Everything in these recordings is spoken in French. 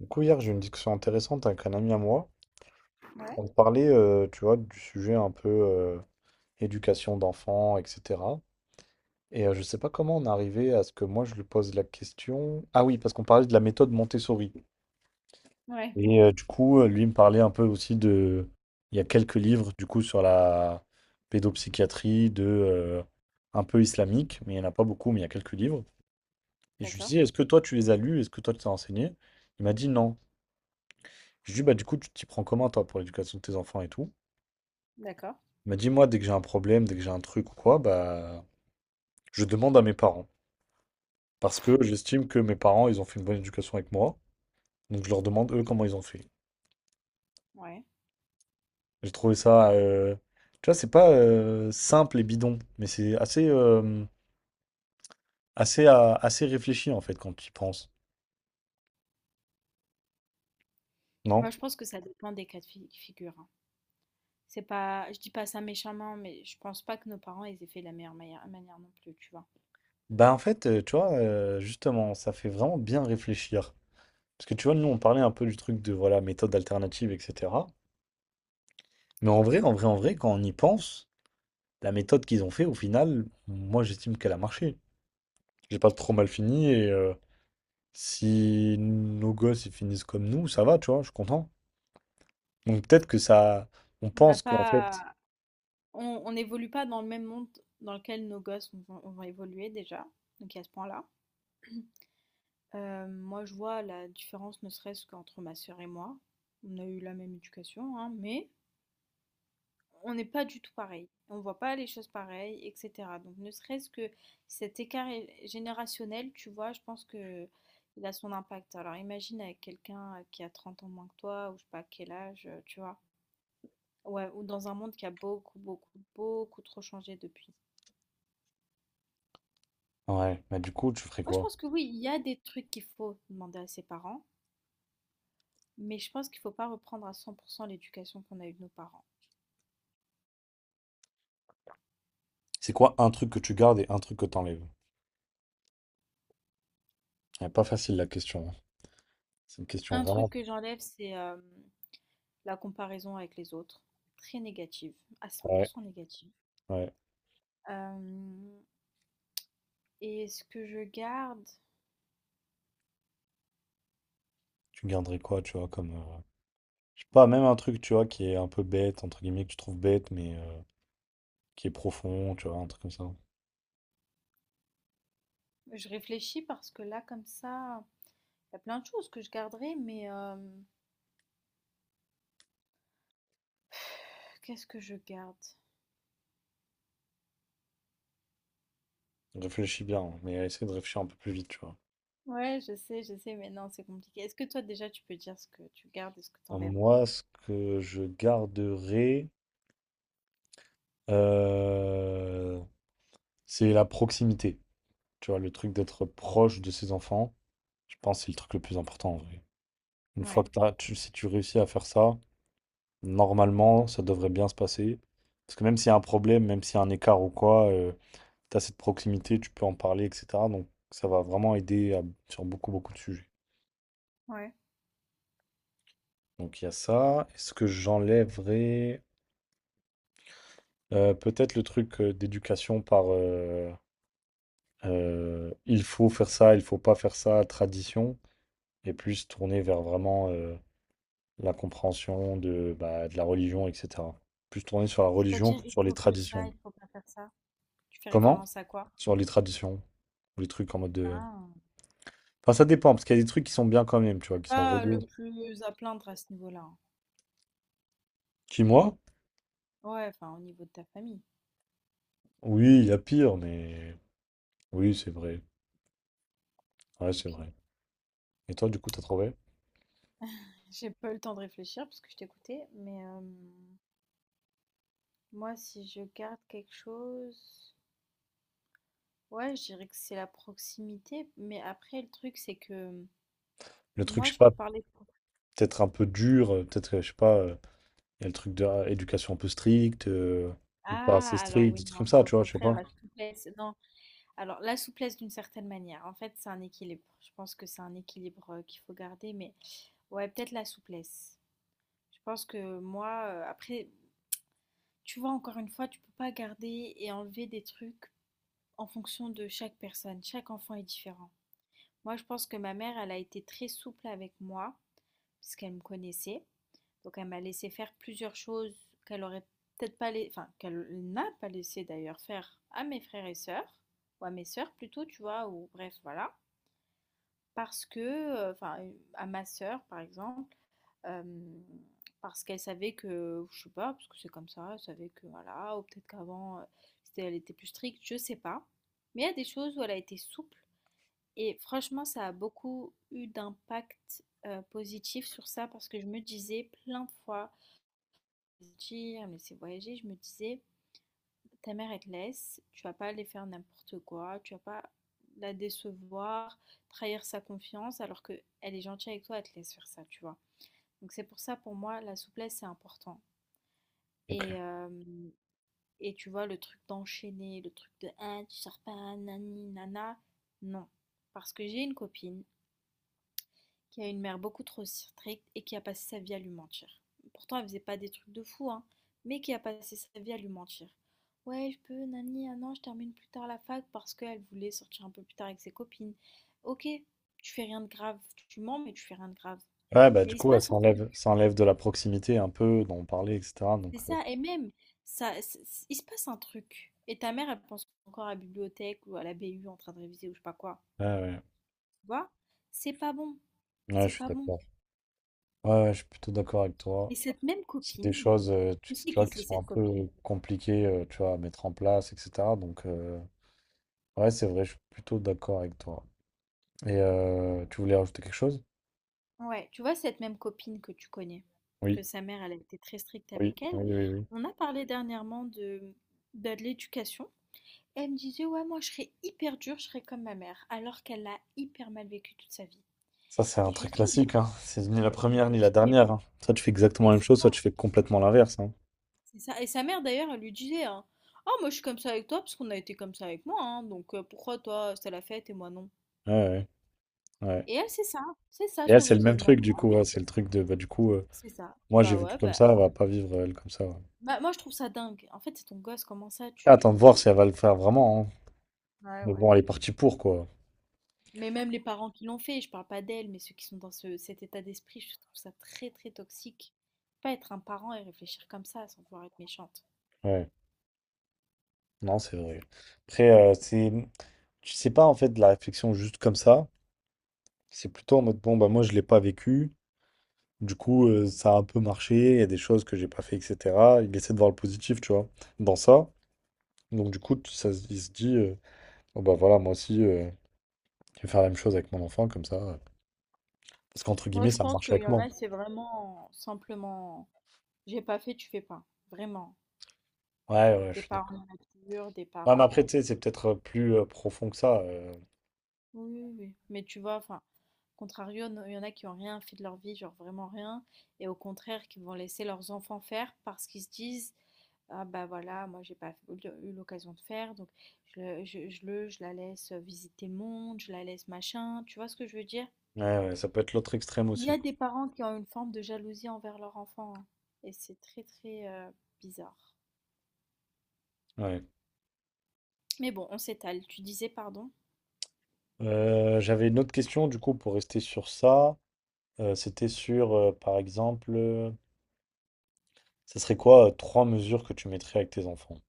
Du coup, hier, j'ai eu une discussion intéressante avec un ami à moi. Ouais, On parlait, tu vois, du sujet un peu éducation d'enfants, etc. Et je sais pas comment on est arrivé à ce que moi, je lui pose la question. Ah oui, parce qu'on parlait de la méthode Montessori. ouais, Et du coup, lui il me parlait un peu aussi de... Il y a quelques livres, du coup, sur la pédopsychiatrie, de... un peu islamique, mais il n'y en a pas beaucoup, mais il y a quelques livres. Et je lui d'accord, dis, est-ce que toi, tu les as lus? Est-ce que toi, tu t'es renseigné? Il m'a dit non. Je lui dis, bah, du coup, tu t'y prends comment, toi, pour l'éducation de tes enfants et tout? d'accord, M'a dit, moi, dès que j'ai un problème, dès que j'ai un truc ou quoi, bah, je demande à mes parents. Parce que j'estime que mes parents, ils ont fait une bonne éducation avec moi. Donc, je leur demande, eux, comment ils ont fait. ouais. J'ai trouvé ça, tu vois, c'est pas simple et bidon, mais c'est assez, assez réfléchi, en fait, quand tu y penses. Moi, Non? je pense que ça dépend des cas de figure. Hein. C'est pas, je dis pas ça méchamment, mais je pense pas que nos parents ils aient fait de la meilleure manière non plus, tu vois. Bah, en fait, tu vois, justement, ça fait vraiment bien réfléchir. Parce que, tu vois, nous, on parlait un peu du truc de, voilà, méthode alternative, etc. Mais en vrai, en vrai, en vrai, quand on y pense, la méthode qu'ils ont fait, au final, moi j'estime qu'elle a marché. J'ai pas trop mal fini et si nos gosses ils finissent comme nous, ça va, tu vois, je suis content. Donc peut-être que ça. On On n'a pense qu'en fait. pas, on n'évolue pas dans le même monde dans lequel nos gosses vont évoluer déjà. Donc à ce point-là, moi, je vois la différence, ne serait-ce qu'entre ma sœur et moi. On a eu la même éducation, hein, mais on n'est pas du tout pareil. On voit pas les choses pareilles, etc. Donc ne serait-ce que cet écart générationnel, tu vois, je pense que il a son impact. Alors imagine avec quelqu'un qui a 30 ans moins que toi, ou je sais pas quel âge, tu vois. Ouais, ou dans un monde qui a beaucoup, beaucoup, beaucoup trop changé depuis. Ouais, mais du coup, tu ferais Moi, je quoi? pense que oui, il y a des trucs qu'il faut demander à ses parents, mais je pense qu'il faut pas reprendre à 100% l'éducation qu'on a eue de nos parents. C'est quoi un truc que tu gardes et un truc que t'enlèves? Ouais, pas facile la question, hein. C'est une question Un truc vraiment. que j'enlève, c'est la comparaison avec les autres. Très négative, à cent pour Ouais, cent négative. ouais. Hem et est-ce que je garde? Tu garderais quoi, tu vois, comme. Je sais pas, même un truc, tu vois, qui est un peu bête, entre guillemets, que tu trouves bête, mais qui est profond, tu vois, un truc comme ça. Je réfléchis parce que là, comme ça, il y a plein de choses que je garderai, mais qu'est-ce que je garde? Réfléchis bien, hein, mais essaie de réfléchir un peu plus vite, tu vois. Ouais, je sais, mais non, c'est compliqué. Est-ce que toi, déjà, tu peux dire ce que tu gardes et ce que tu Alors, enlèves? moi, ce que je garderai, euh, c'est la proximité. Tu vois, le truc d'être proche de ses enfants, je pense que c'est le truc le plus important en vrai. Une fois Ouais, que si tu réussis à faire ça, normalement, ça devrait bien se passer. Parce que même s'il y a un problème, même s'il y a un écart ou quoi, tu as cette proximité, tu peux en parler, etc. Donc, ça va vraiment aider sur beaucoup, beaucoup de sujets. ouais. Donc, il y a ça. Est-ce que j'enlèverais peut-être le truc d'éducation par... il faut faire ça, il faut pas faire ça, tradition, et plus tourner vers vraiment la compréhension de, bah, de la religion, etc. Plus tourner sur la religion C'est-à-dire, que il sur les faut faire ça, traditions. il faut pas faire ça? Tu fais Comment? référence à quoi? Sur les traditions. Ou les trucs en mode de... Ah! Enfin, ça dépend, parce qu'il y a des trucs qui sont bien quand même, tu vois, qui sont Pas le religieux. plus à plaindre à ce niveau-là, hein? Qui, moi? Ouais, enfin, au niveau de ta famille. Oui, il y a pire, mais... Oui, c'est vrai. Ouais, c'est OK. vrai. Et toi, du coup, t'as trouvé? J'ai pas eu le temps de réfléchir parce que je t'écoutais, mais hem moi, si je garde quelque chose, ouais, je dirais que c'est la proximité. Mais après, le truc, c'est que Le truc, je moi, sais je pas, peux parler peut-être un peu dur, peut-être, je sais pas... Il y a le truc de ah, éducation un peu stricte, ou pas assez ah, alors stricte, oui, des trucs comme non, ça, c'est au tu vois, je sais contraire pas. la souplesse. Non, alors la souplesse d'une certaine manière. En fait, c'est un équilibre. Je pense que c'est un équilibre qu'il faut garder. Mais ouais, peut-être la souplesse. Je pense que moi, après, tu vois, encore une fois, tu peux pas garder et enlever des trucs en fonction de chaque personne. Chaque enfant est différent. Moi, je pense que ma mère, elle a été très souple avec moi, puisqu'elle me connaissait. Donc elle m'a laissé faire plusieurs choses qu'elle aurait peut-être pas laissé, enfin qu'elle n'a pas laissé d'ailleurs faire à mes frères et sœurs, ou à mes sœurs plutôt, tu vois, ou bref, voilà. Parce que, enfin, à ma sœur par exemple, euh, parce qu'elle savait que, je sais pas, parce que c'est comme ça, elle savait que voilà, ou peut-être qu'avant elle était plus stricte, je sais pas. Mais il y a des choses où elle a été souple et franchement, ça a beaucoup eu d'impact positif sur ça parce que je me disais plein de fois, je me dis, ah, mais c'est voyager, je me disais, ta mère, elle te laisse, tu vas pas aller faire n'importe quoi, tu vas pas la décevoir, trahir sa confiance alors que elle est gentille avec toi, elle te laisse faire ça, tu vois. Donc c'est pour ça, pour moi, la souplesse, c'est important. Ok. Et, euh, et tu vois, le truc d'enchaîner, le truc de, ah, tu sors pas, nani, nana, non. Parce que j'ai une copine qui a une mère beaucoup trop stricte et qui a passé sa vie à lui mentir. Pourtant, elle faisait pas des trucs de fou, hein, mais qui a passé sa vie à lui mentir. Ouais, je peux, nani, ah non, je termine plus tard la fac parce qu'elle voulait sortir un peu plus tard avec ses copines. Ok, tu fais rien de grave, tu mens, mais tu fais rien de grave. Ouais, bah Mais du il se coup, ouais, passe ça un enlève, truc, ça enlève de la proximité un peu, dont on parlait, etc. Donc, c'est ça, et même, ça, il se passe un truc. Et ta mère, elle pense encore à la bibliothèque ou à la BU en train de réviser ou je sais pas quoi. ouais, Tu vois? C'est pas bon, ouais. Ouais, c'est je suis pas bon. d'accord. Ouais, ouais, je suis plutôt d'accord avec toi. Et cette même C'est des copine, choses, tu tu sais qui vois, qui c'est sont un cette peu copine. compliquées, tu vois, à mettre en place, etc. Donc, ouais, c'est vrai, je suis plutôt d'accord avec toi. Et tu voulais rajouter quelque chose? Ouais, tu vois, cette même copine que tu connais, Oui, que sa mère, elle a été très stricte oui, avec elle, oui, oui, oui. on a parlé dernièrement de, bah, de l'éducation. Elle me disait, ouais, moi, je serais hyper dure, je serais comme ma mère, alors qu'elle l'a hyper mal vécu toute sa vie. Ça, c'est un Et je lui truc ai dit, classique, hein. C'est ni la mais, je première lui ai ni la dit, dernière, hein. Soit tu fais exactement mais la même c'est chose, soit ça, tu fais complètement l'inverse, hein. c'est ça. Et sa mère, d'ailleurs, elle lui disait, hein, oh, moi, je suis comme ça avec toi, parce qu'on a été comme ça avec moi, hein, donc pourquoi toi, c'était la fête et moi non? Ouais, ouais, ouais. Et elle, c'est ça Et elle, son c'est le même raisonnement. truc, du Bah coup. oui, ouais. C'est le truc de, bah, du coup, c'est ça. moi, j'ai Bah vécu ouais, comme bah ça, elle va pas vivre, elle, comme ça, ouais. bah, moi, je trouve ça dingue. En fait, c'est ton gosse, comment ça, Attends de voir tu... si elle va le faire vraiment, hein. Ouais, Mais ouais. bon, elle est partie pour, quoi. Mais même les parents qui l'ont fait, je parle pas d'elle, mais ceux qui sont dans cet état d'esprit, je trouve ça très, très toxique. Pas être un parent et réfléchir comme ça sans vouloir être méchante. Ouais, non, c'est vrai. Après, c'est... Tu sais pas, en fait, de la réflexion juste comme ça. C'est plutôt en mode, bon, bah, moi, je l'ai pas vécu. Du coup, ça a un peu marché, il y a des choses que j'ai pas fait, etc. Il essaie de voir le positif, tu vois, dans ça. Donc du coup, il se dit, oh bah voilà, moi aussi, je vais faire la même chose avec mon enfant, comme ça. Parce qu'entre Moi, guillemets, je ça a pense marché qu'il y avec en moi. a, c'est vraiment simplement, j'ai pas fait, tu fais pas. Vraiment. Ouais, ouais, je Des suis d'accord. parents immatures, des Ouais, mais après, parents... tu sais, c'est peut-être plus profond que ça. Oui, oui, oui. Mais tu vois, enfin, contrario, il y en a qui ont rien fait de leur vie, genre vraiment rien, et au contraire, qui vont laisser leurs enfants faire parce qu'ils se disent, ah bah voilà, moi j'ai pas eu eu l'occasion de faire, donc je la laisse visiter le monde, je la laisse machin, tu vois ce que je veux dire? Ouais, ouais, ça peut être l'autre extrême Il y aussi, a quoi. des parents qui ont une forme de jalousie envers leur enfant, hein, et c'est très très bizarre. Ouais. Mais bon, on s'étale. Tu disais pardon. J'avais une autre question, du coup, pour rester sur ça. C'était sur, par exemple, ça serait quoi trois mesures que tu mettrais avec tes enfants?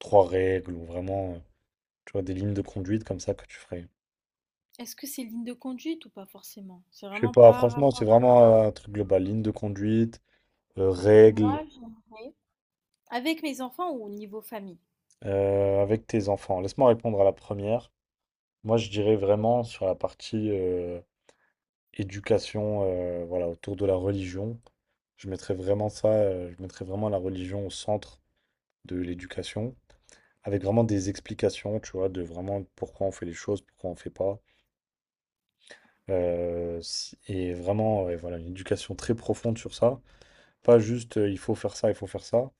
Trois règles ou vraiment... Tu vois, des lignes de conduite comme ça que tu ferais. Est-ce que c'est ligne de conduite ou pas forcément? C'est Je sais vraiment pas, par franchement, c'est rapport à vraiment un truc global. Ligne de conduite, règles moi, j'aimerais. Avec mes enfants ou au niveau famille? Avec tes enfants. Laisse-moi répondre à la première. Moi, je dirais vraiment sur la partie éducation, voilà, autour de la religion. Je mettrais vraiment ça, je mettrais vraiment la religion au centre de l'éducation, avec vraiment des explications, tu vois, de vraiment pourquoi on fait les choses, pourquoi on fait pas. Et vraiment, ouais, voilà, une éducation très profonde sur ça. Pas juste il faut faire ça, il faut faire ça,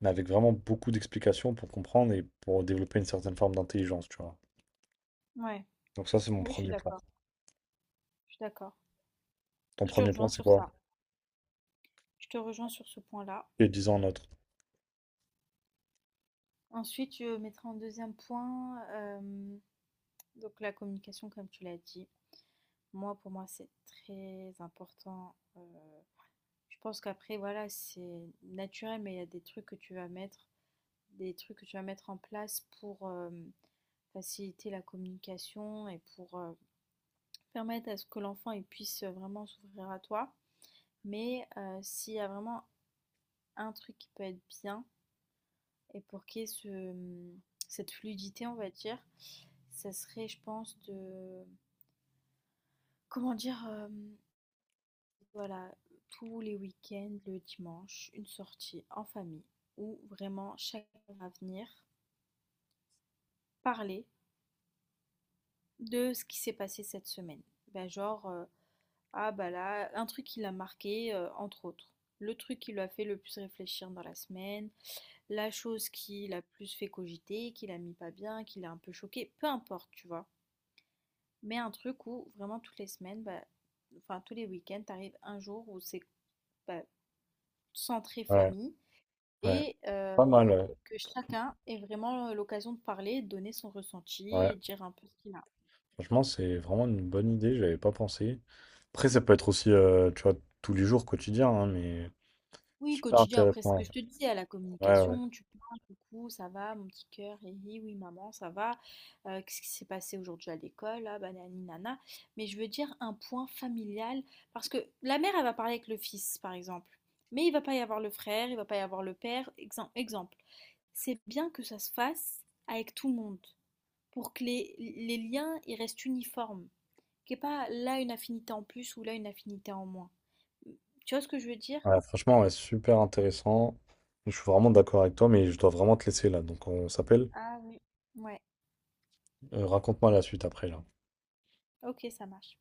mais avec vraiment beaucoup d'explications pour comprendre et pour développer une certaine forme d'intelligence, tu vois. Ouais, Donc ça, c'est mon oui, je suis premier point. d'accord. Je suis d'accord. Ton Je te premier point, rejoins c'est sur quoi? ça. Je te rejoins sur ce point-là. Et 10 ans notre. Ensuite, je mettrai en deuxième point, donc la communication, comme tu l'as dit. Moi, pour moi, c'est très important. Je pense qu'après, voilà, c'est naturel, mais il y a des trucs que tu vas mettre en place pour, faciliter la communication et pour, permettre à ce que l'enfant, il puisse, vraiment s'ouvrir à toi. Mais, s'il y a vraiment un truc qui peut être bien et pour qu'il y ait ce, cette fluidité, on va dire, ça serait, je pense, de. Comment dire voilà, tous les week-ends, le dimanche, une sortie en famille où vraiment chacun va venir parler de ce qui s'est passé cette semaine. Ben, genre, ah bah là, un truc qui l'a marqué, entre autres. Le truc qui lui a fait le plus réfléchir dans la semaine, la chose qui l'a plus fait cogiter, qui l'a mis pas bien, qui l'a un peu choqué, peu importe, tu vois. Mais un truc où vraiment toutes les semaines, bah, enfin tous les week-ends, t'arrives un jour où c'est bah, centré Ouais, famille ouais. et Pas mal, ouais. que chacun ait vraiment l'occasion de parler, de donner son ressenti Ouais. et de dire un peu ce qu'il a. Franchement, c'est vraiment une bonne idée, j'avais pas pensé. Après, ça peut être aussi, tu vois, tous les jours, quotidien, hein, mais Oui, super quotidien, après ce que intéressant. je te dis, à la Ouais, ouais. communication, tu parles, coucou, ça va, mon petit cœur, hé, hé, oui, maman, ça va, qu'est-ce qui s'est passé aujourd'hui à l'école, là, banani, nana. Mais je veux dire un point familial, parce que la mère, elle va parler avec le fils, par exemple, mais il va pas y avoir le frère, il va pas y avoir le père, exemple. C'est bien que ça se fasse avec tout le monde, pour que les liens, ils restent uniformes, qu'il n'y ait pas là une affinité en plus ou là une affinité en moins. Tu vois ce que je veux dire? Ouais, franchement, ouais, super intéressant. Je suis vraiment d'accord avec toi, mais je dois vraiment te laisser là. Donc on s'appelle. Ah oui. Ouais. Raconte-moi la suite après là. OK, ça marche.